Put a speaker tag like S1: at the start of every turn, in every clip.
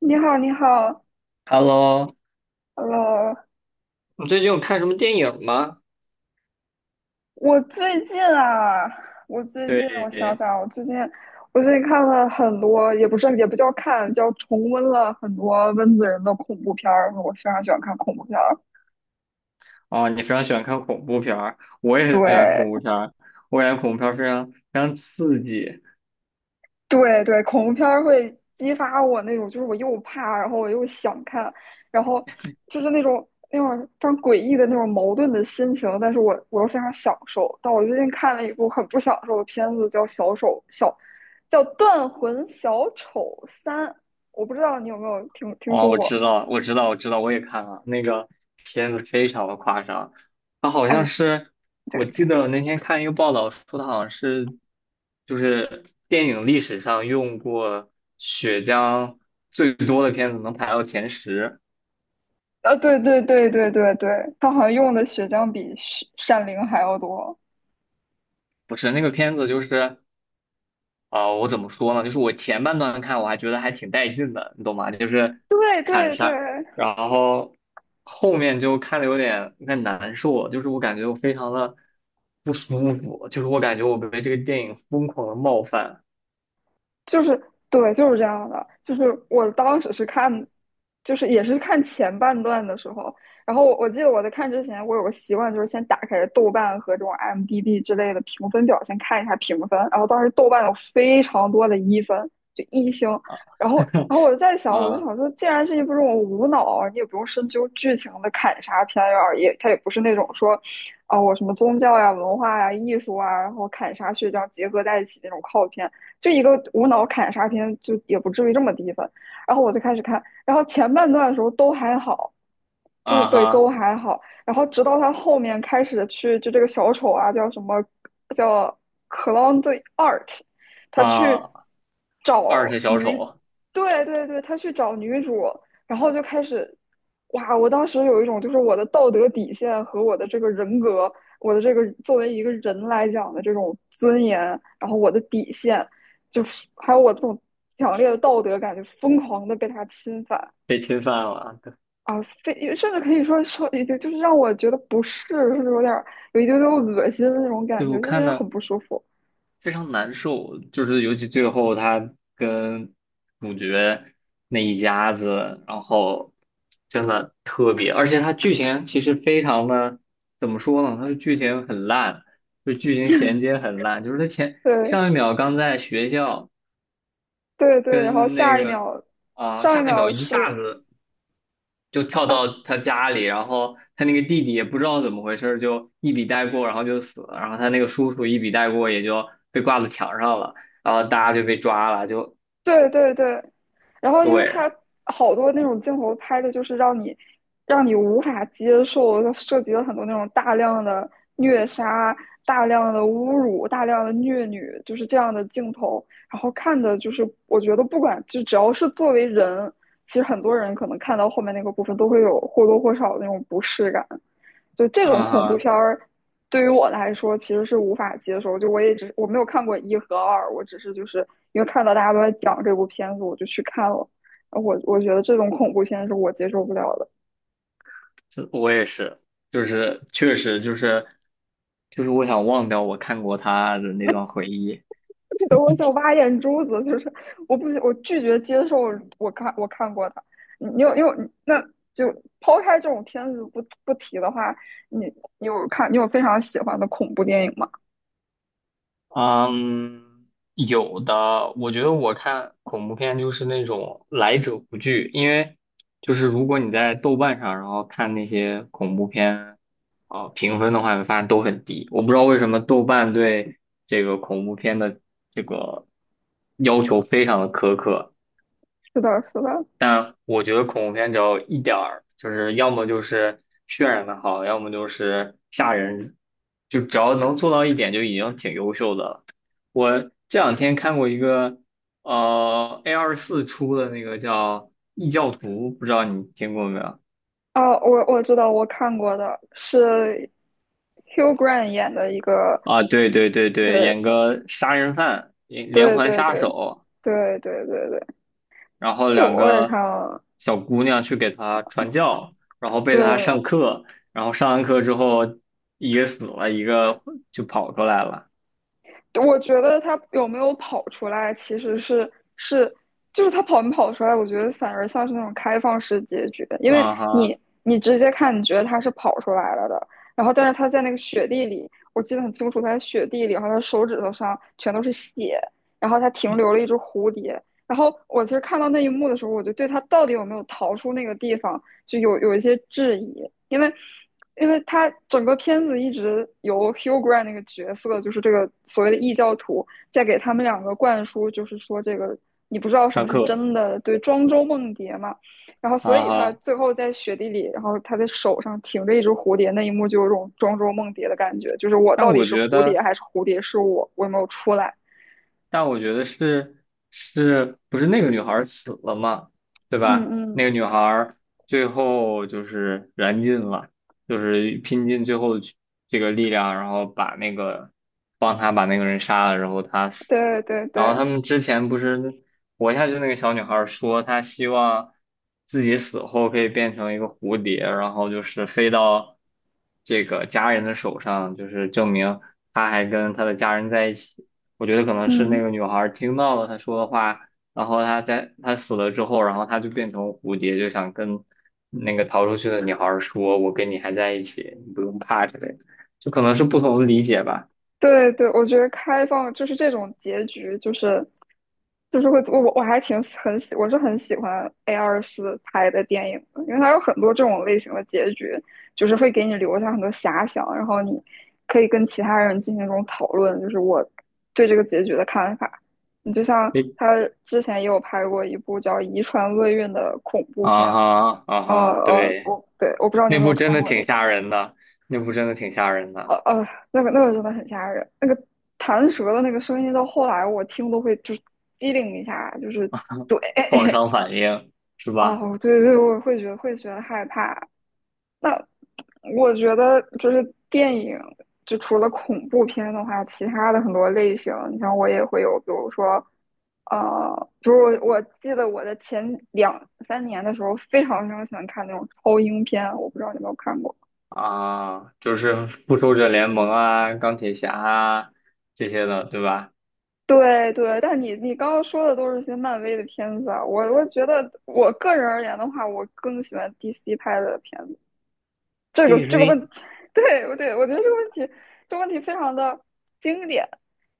S1: 你好，你好
S2: Hello，
S1: ，Hello。
S2: 你最近有看什么电影吗？
S1: 我最近啊，我最近我想
S2: 对，
S1: 想啊，我最近我最近看了很多，也不是也不叫看，叫重温了很多温子仁的恐怖片儿。我非常喜欢看恐怖片儿。
S2: 哦，你非常喜欢看恐怖片儿，我也很喜欢看恐怖
S1: 对，
S2: 片儿，我感觉恐怖片儿非常非常刺激。
S1: 对对，恐怖片儿会激发我那种，就是我又怕，然后我又想看，然后就是那种非常诡异的那种矛盾的心情，但是我又非常享受。但我最近看了一部很不享受的片子，叫《小丑小》，叫《断魂小丑三》，我不知道你有没有听
S2: 哦，
S1: 说
S2: 我
S1: 过？
S2: 知道，我知道，我知道，我也看了那个片子，非常的夸张。它好
S1: 哎，
S2: 像是，我
S1: 对，
S2: 记得我那天看一个报道说，它好像是就是电影历史上用过血浆最多的片子，能排到前十。
S1: 啊，对对对对对对，他好像用的血浆比血闪灵还要多。
S2: 不是那个片子，就是。我怎么说呢？就是我前半段看我还觉得还挺带劲的，你懂吗？就是
S1: 对
S2: 砍
S1: 对对，
S2: 杀，然后后面就看的有点难受，就是我感觉我非常的不舒服，就是我感觉我被这个电影疯狂的冒犯。
S1: 就是对，就是这样的。就是我当时是看，就是也是看前半段的时候，然后我记得我在看之前，我有个习惯，就是先打开豆瓣和这种 IMDb 之类的评分表，先看一下评分。然后当时豆瓣有非常多的一分，就一星。
S2: 啊
S1: 然后，然后我就在想，我就
S2: 啊
S1: 想说，既然是一部这种无脑，你也不用深究剧情的砍杀片儿啊，也它也不是那种说，啊、我什么宗教呀、文化呀、艺术啊，然后砍杀血浆结合在一起那种靠片。就一个无脑砍杀片，就也不至于这么低分。然后我就开始看，然后前半段的时候都还好，就是
S2: 啊
S1: 对都
S2: 哈
S1: 还好。然后直到他后面开始去，就这个小丑啊，叫什么叫 Clown the Art，他去
S2: 啊，二
S1: 找
S2: 世小
S1: 女，
S2: 丑
S1: 对对对，他去找女主，然后就开始，哇！我当时有一种就是我的道德底线和我的这个人格。我的这个作为一个人来讲的这种尊严，然后我的底线，就是还有我这种强烈的道德感，就疯狂的被他侵犯
S2: 被侵犯了，
S1: 啊，非甚至可以说，就就是让我觉得不适，甚至有一丢丢恶心的那种感
S2: 对，我
S1: 觉，就
S2: 看
S1: 是很
S2: 的
S1: 不舒服。
S2: 非常难受，就是尤其最后他跟主角那一家子，然后真的特别，而且他剧情其实非常的，怎么说呢？他的剧情很烂，就剧情衔接很烂，就是他前
S1: 对
S2: 上一秒刚在学校
S1: 对对，然后
S2: 跟那
S1: 下一
S2: 个，
S1: 秒，上一
S2: 下一
S1: 秒
S2: 秒一下
S1: 是
S2: 子就跳
S1: 啊
S2: 到他家里，然后他那个弟弟也不知道怎么回事儿就一笔带过，然后就死了。然后他那个叔叔一笔带过，也就被挂到墙上了。然后大家就被抓了，就
S1: 对对对，然后因为
S2: 对。
S1: 它好多那种镜头拍的，就是让你无法接受，它涉及了很多那种大量的虐杀、大量的侮辱、大量的虐女，就是这样的镜头。然后看的就是，我觉得不管就只要是作为人，其实很多人可能看到后面那个部分都会有或多或少的那种不适感。就这
S2: 嗯
S1: 种恐怖
S2: 哈，
S1: 片儿，对于我来说其实是无法接受。就我也只没有看过一和二，我只是就是因为看到大家都在讲这部片子，我就去看了。我觉得这种恐怖片是我接受不了的，
S2: 这我也是，就是确实就是我想忘掉我看过他的那段回忆。
S1: 等我想挖眼珠子，就是我不我拒绝接受。我看过的，你你有你有那就抛开这种片子不提的话，你你有非常喜欢的恐怖电影吗？
S2: 嗯，有的，我觉得我看恐怖片就是那种来者不拒，因为就是如果你在豆瓣上，然后看那些恐怖片，评分的话，你发现都很低。我不知道为什么豆瓣对这个恐怖片的这个要求非常的苛刻。
S1: 是的，是的。
S2: 但我觉得恐怖片只要一点儿，就是要么就是渲染的好，要么就是吓人，就只要能做到一点就已经挺优秀的了。我这两天看过一个，A24出的那个叫《异教徒》，不知道你听过没有？
S1: 哦，我知道，我看过的是 Hugh Grant 演的一个，
S2: 啊，对对对对，演
S1: 对
S2: 个杀人犯，连
S1: 对
S2: 环
S1: 对
S2: 杀
S1: 对
S2: 手。
S1: 对对对对，
S2: 然后
S1: 那个
S2: 两
S1: 我也看
S2: 个
S1: 了，
S2: 小姑娘去给他传教，然后被他上
S1: 对
S2: 课，然后上完课之后，一个死了，一个就跑出来了。
S1: 我觉得他有没有跑出来，其实是就是他跑没跑出来，我觉得反而像是那种开放式结局的，因为
S2: 啊
S1: 你
S2: 哈，
S1: 你直接看，你觉得他是跑出来了的，然后但是他在那个雪地里，我记得很清楚，他在雪地里，然后他手指头上全都是血，然后他停留了一只蝴蝶，然后我其实看到那一幕的时候，我就对他到底有没有逃出那个地方就有有一些质疑，因为因为他整个片子一直由 Hugh Grant 那个角色，就是这个所谓的异教徒，在给他们两个灌输，就是说这个你不知道什么
S2: 上
S1: 是
S2: 课，
S1: 真的，对，庄周梦蝶嘛。然后所
S2: 啊
S1: 以他
S2: 哈，
S1: 最后在雪地里，然后他的手上停着一只蝴蝶，那一幕就有种庄周梦蝶的感觉，就是我
S2: 但
S1: 到底
S2: 我
S1: 是
S2: 觉
S1: 蝴蝶
S2: 得。
S1: 还是蝴蝶是我，我有没有出来？
S2: 但我觉得是，是不是那个女孩儿死了嘛？对吧？
S1: 嗯
S2: 那
S1: 嗯，
S2: 个女孩儿最后就是燃尽了，就是拼尽最后的去这个力量，然后把那个帮他把那个人杀了，然后他死
S1: 对
S2: 了。
S1: 对
S2: 然后
S1: 对，
S2: 他们之前不是活下去那个小女孩儿说，她希望自己死后可以变成一个蝴蝶，然后就是飞到这个家人的手上，就是证明她还跟她的家人在一起。我觉得可能是那
S1: 嗯。
S2: 个女孩儿听到了他说的话，然后他在他死了之后，然后他就变成蝴蝶，就想跟那个逃出去的女孩儿说：“我跟你还在一起，你不用怕之类的。”就可能是不同的理解吧。
S1: 对对，我觉得开放就是这种结局，就是会我还挺喜很喜，我是很喜欢 A24拍的电影的，因为它有很多这种类型的结局，就是会给你留下很多遐想，然后你可以跟其他人进行这种讨论，就是我对这个结局的看法。你就像
S2: 诶，
S1: 他之前也有拍过一部叫《遗传厄运》的恐怖片，
S2: 啊哈啊哈，对，
S1: 我不知道你有
S2: 那
S1: 没有
S2: 部真
S1: 看
S2: 的
S1: 过那
S2: 挺
S1: 个。
S2: 吓人的，那部真的挺吓人的，
S1: 那个真的很吓人，那个弹舌的那个声音，到后来我听都会就是机灵一下，就是对，
S2: 创伤 反应是吧？
S1: 哦，对对，我会觉得害怕。那我觉得就是电影，就除了恐怖片的话，其他的很多类型，你像我也会有，比如说，比如我记得我的前两三年的时候，非常非常喜欢看那种超英片，我不知道你有没有看过。
S2: 啊，就是复仇者联盟啊、钢铁侠啊这些的，对吧
S1: 对对，但你刚刚说的都是一些漫威的片子啊，我觉得我个人而言的话，我更喜欢 DC 拍的片子。这个问
S2: ？DC，
S1: 题，我觉得这个问题，这个问题非常的经典。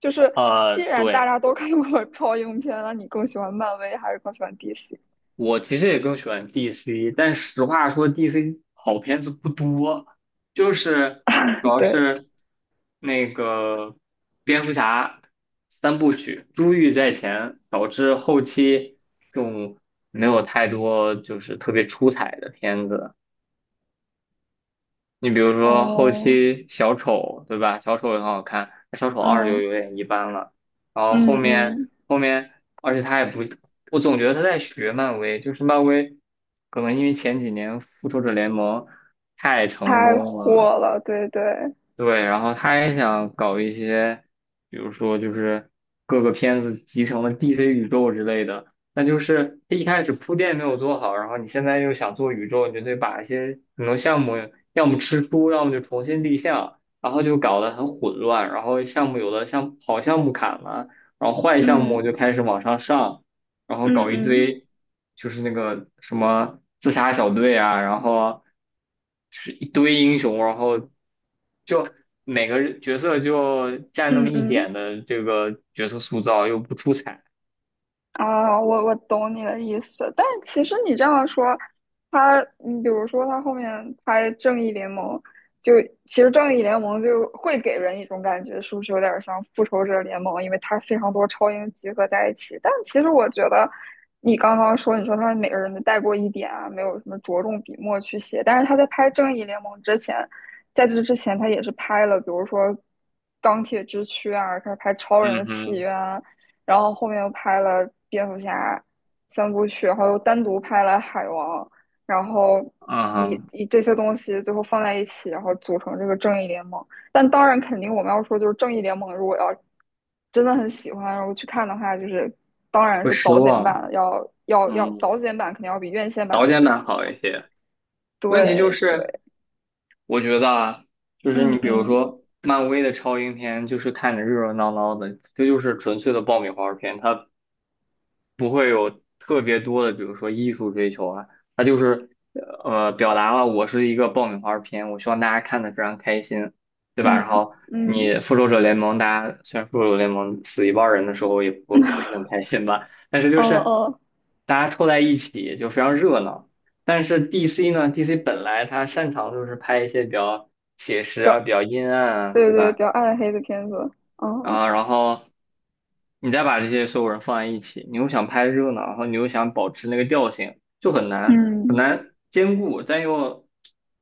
S1: 就是既然大
S2: 对。
S1: 家都看过超英片，那你更喜欢漫威还是更喜欢 DC？
S2: 我其实也更喜欢 DC，但实话说，DC 好片子不多，就是主 要
S1: 对，
S2: 是那个蝙蝠侠三部曲，珠玉在前，导致后期就没有太多就是特别出彩的片子。你比如说后
S1: 哦，
S2: 期小丑，对吧？小丑也很好看，小丑二就
S1: 嗯
S2: 有点一般了。然后后
S1: 嗯
S2: 面
S1: 嗯，
S2: 后面，而且他也不，我总觉得他在学漫威，就是漫威可能因为前几年复仇者联盟太
S1: 太
S2: 成功了，
S1: 火了，对对，
S2: 对，然后他也想搞一些，比如说就是各个片子集成了 DC 宇宙之类的。那就是他一开始铺垫没有做好，然后你现在又想做宇宙，你就得把一些很多项目要么吃书，要么就重新立项，然后就搞得很混乱，然后项目有的像好项目砍了，然后坏项目
S1: 嗯
S2: 就开始往上上，然后
S1: 嗯
S2: 搞一
S1: 嗯
S2: 堆就是那个什么自杀小队啊，然后就是一堆英雄，然后就每个人角色就占那么
S1: 嗯
S2: 一
S1: 嗯
S2: 点的这个角色塑造，又不出彩。
S1: 啊，我懂你的意思，但是其实你这样说，他，你比如说他后面拍《正义联盟》就，其实《正义联盟》就会给人一种感觉，是不是有点像《复仇者联盟》？因为它非常多超英集合在一起。但其实我觉得，你刚刚说，你说他每个人都带过一点啊，没有什么着重笔墨去写。但是他在拍《正义联盟》之前，在这之前，他也是拍了，比如说《钢铁之躯》啊，开始拍《超人的
S2: 嗯
S1: 起
S2: 哼，
S1: 源》然后后面又拍了蝙蝠侠三部曲，然后又单独拍了海王，然后
S2: 嗯
S1: 以
S2: 哼，
S1: 以这些东西最后放在一起，然后组成这个正义联盟。但当然，肯定我们要说就是正义联盟，如果要真的很喜欢，然后去看的话，就是当然
S2: 会
S1: 是
S2: 失
S1: 导剪
S2: 望，
S1: 版的，要
S2: 嗯，
S1: 导剪版肯定要比院线版
S2: 导
S1: 的
S2: 演
S1: 更
S2: 版好一些。问题就
S1: 对
S2: 是，
S1: 对，
S2: 我觉得啊，就是
S1: 嗯
S2: 你比如
S1: 嗯
S2: 说漫威的超英片，就是看着热热闹闹的，这就是纯粹的爆米花片，它不会有特别多的，比如说艺术追求啊，它就是表达了我是一个爆米花片，我希望大家看的非常开心，对吧？
S1: 嗯
S2: 然后
S1: 嗯
S2: 你复仇者联盟，大家虽然复仇者联盟死一半人的时候也不是很开心吧，但是
S1: 哦
S2: 就是
S1: 哦，
S2: 大家凑在一起就非常热闹。但是 DC 呢，DC 本来它擅长就是拍一些比较写实
S1: 比
S2: 啊、
S1: 较
S2: 比较阴暗啊，
S1: 对
S2: 对
S1: 对比
S2: 吧？
S1: 较暗黑的片子，嗯嗯
S2: 啊，然后你再把这些所有人放在一起，你又想拍热闹，然后你又想保持那个调性，就很难很
S1: 嗯。
S2: 难兼顾，但又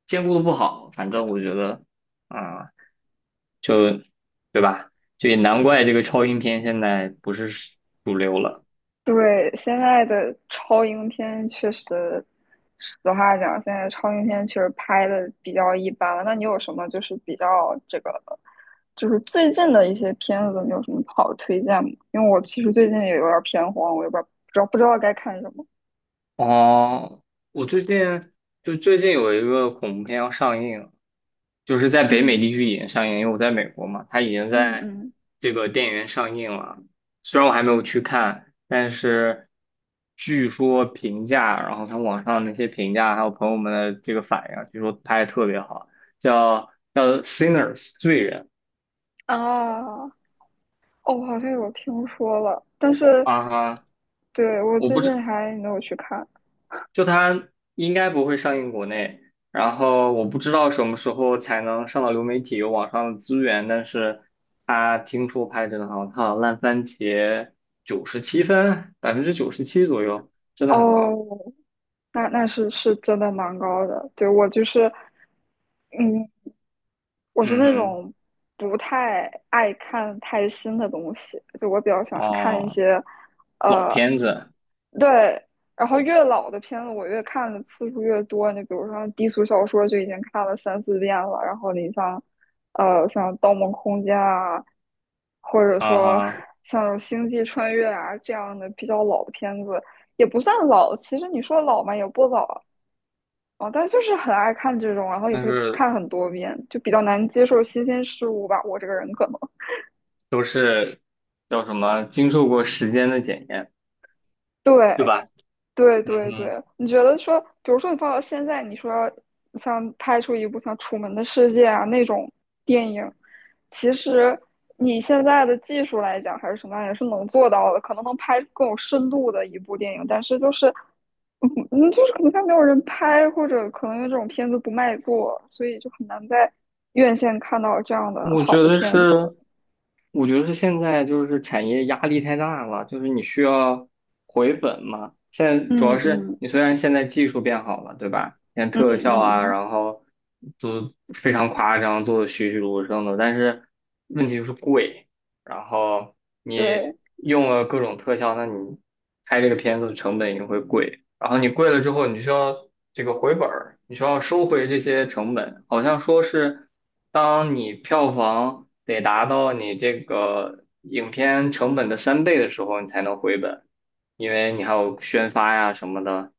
S2: 兼顾的不好。反正我觉得，啊、就对吧？就也难怪这个超英片现在不是主流了。
S1: 对，现在的超英片确实，实话讲，现在超英片确实拍的比较一般了。那你有什么就是比较这个，就是最近的一些片子，你有什么好的推荐吗？因为我其实最近也有点偏荒，我也不知道该看什么。
S2: 哦，我最近有一个恐怖片要上映，就是在北美
S1: 嗯
S2: 地区已经上映，因为我在美国嘛，它已经
S1: 嗯
S2: 在
S1: 嗯，
S2: 这个电影院上映了。虽然我还没有去看，但是据说评价，然后看网上那些评价，还有朋友们的这个反应，据说拍的特别好，叫《Sinners》罪人。
S1: 啊，哦，我好像有听说了，但是
S2: 啊哈，
S1: 对我
S2: 我
S1: 最
S2: 不
S1: 近
S2: 知
S1: 还没有去看。
S2: 就它应该不会上映国内，然后我不知道什么时候才能上到流媒体有网上的资源，但是它听说拍得真的很好，它好像烂番茄97分，97%左右，真的很高。
S1: 哦，那是真的蛮高的。对，我就是。嗯，我是
S2: 嗯
S1: 那
S2: 哼，
S1: 种不太爱看太新的东西，就我比较喜欢看一
S2: 哦，
S1: 些，
S2: 老
S1: 呃，
S2: 片子，
S1: 对，然后越老的片子我越看的次数越多，你比如说低俗小说就已经看了三四遍了，然后你像，像《盗梦空间》啊，或者
S2: 啊
S1: 说
S2: 哈，
S1: 像那种星际穿越》啊这样的比较老的片子，也不算老，其实你说老嘛也不老，哦，但就是很爱看这种，然后也
S2: 但
S1: 会
S2: 是
S1: 看很多遍，就比较难接受新鲜事物吧。我这个人可能，
S2: 都是叫什么经受过时间的检验，对
S1: 对
S2: 吧？
S1: 对
S2: 嗯
S1: 对
S2: 哼。
S1: 对，你觉得说，比如说你放到现在，你说像拍出一部像《楚门的世界》啊那种电影，其实你现在的技术来讲还是什么样，也是能做到的，可能能拍更有深度的一部电影，但是就是就是可能它没有人拍，或者可能因为这种片子不卖座，所以就很难在院线看到这样的
S2: 我
S1: 好
S2: 觉
S1: 的
S2: 得
S1: 片子。
S2: 是，我觉得是现在就是产业压力太大了，就是你需要回本嘛。现在主要
S1: 嗯
S2: 是
S1: 嗯
S2: 你虽然现在技术变好了，对吧？像
S1: 嗯
S2: 特效
S1: 嗯
S2: 啊，
S1: 嗯，
S2: 然后都非常夸张，做的栩栩如生的，但是问题就是贵。然后你
S1: 对，
S2: 用了各种特效，那你拍这个片子的成本也会贵。然后你贵了之后，你需要这个回本儿，你需要收回这些成本。好像说是，当你票房得达到你这个影片成本的3倍的时候，你才能回本，因为你还有宣发呀什么的。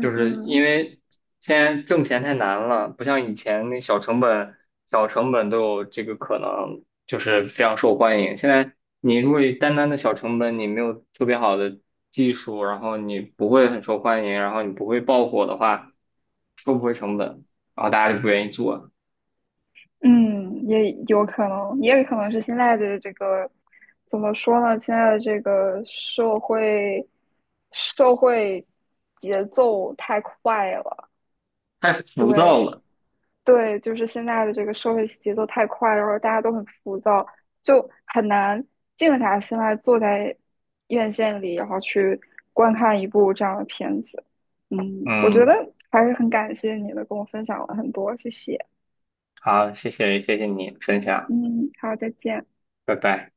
S2: 就是因
S1: 嗯
S2: 为现在挣钱太难了，不像以前那小成本、小成本都有这个可能，就是非常受欢迎。现在你如果单单的小成本，你没有特别好的技术，然后你不会很受欢迎，然后你不会爆火的话，收不回成本，然后大家就不愿意做，
S1: 嗯，也有可能，也可能是现在的这个怎么说呢？现在的这个社会节奏太快了，
S2: 太浮躁
S1: 对，
S2: 了。
S1: 对，就是现在的这个社会节奏太快，然后大家都很浮躁，就很难静下心来坐在院线里，然后去观看一部这样的片子。嗯，我觉得
S2: 嗯，
S1: 还是很感谢你的，跟我分享了很多，谢谢。
S2: 好，谢谢，谢谢你分享，
S1: 嗯，好，再见。
S2: 拜拜。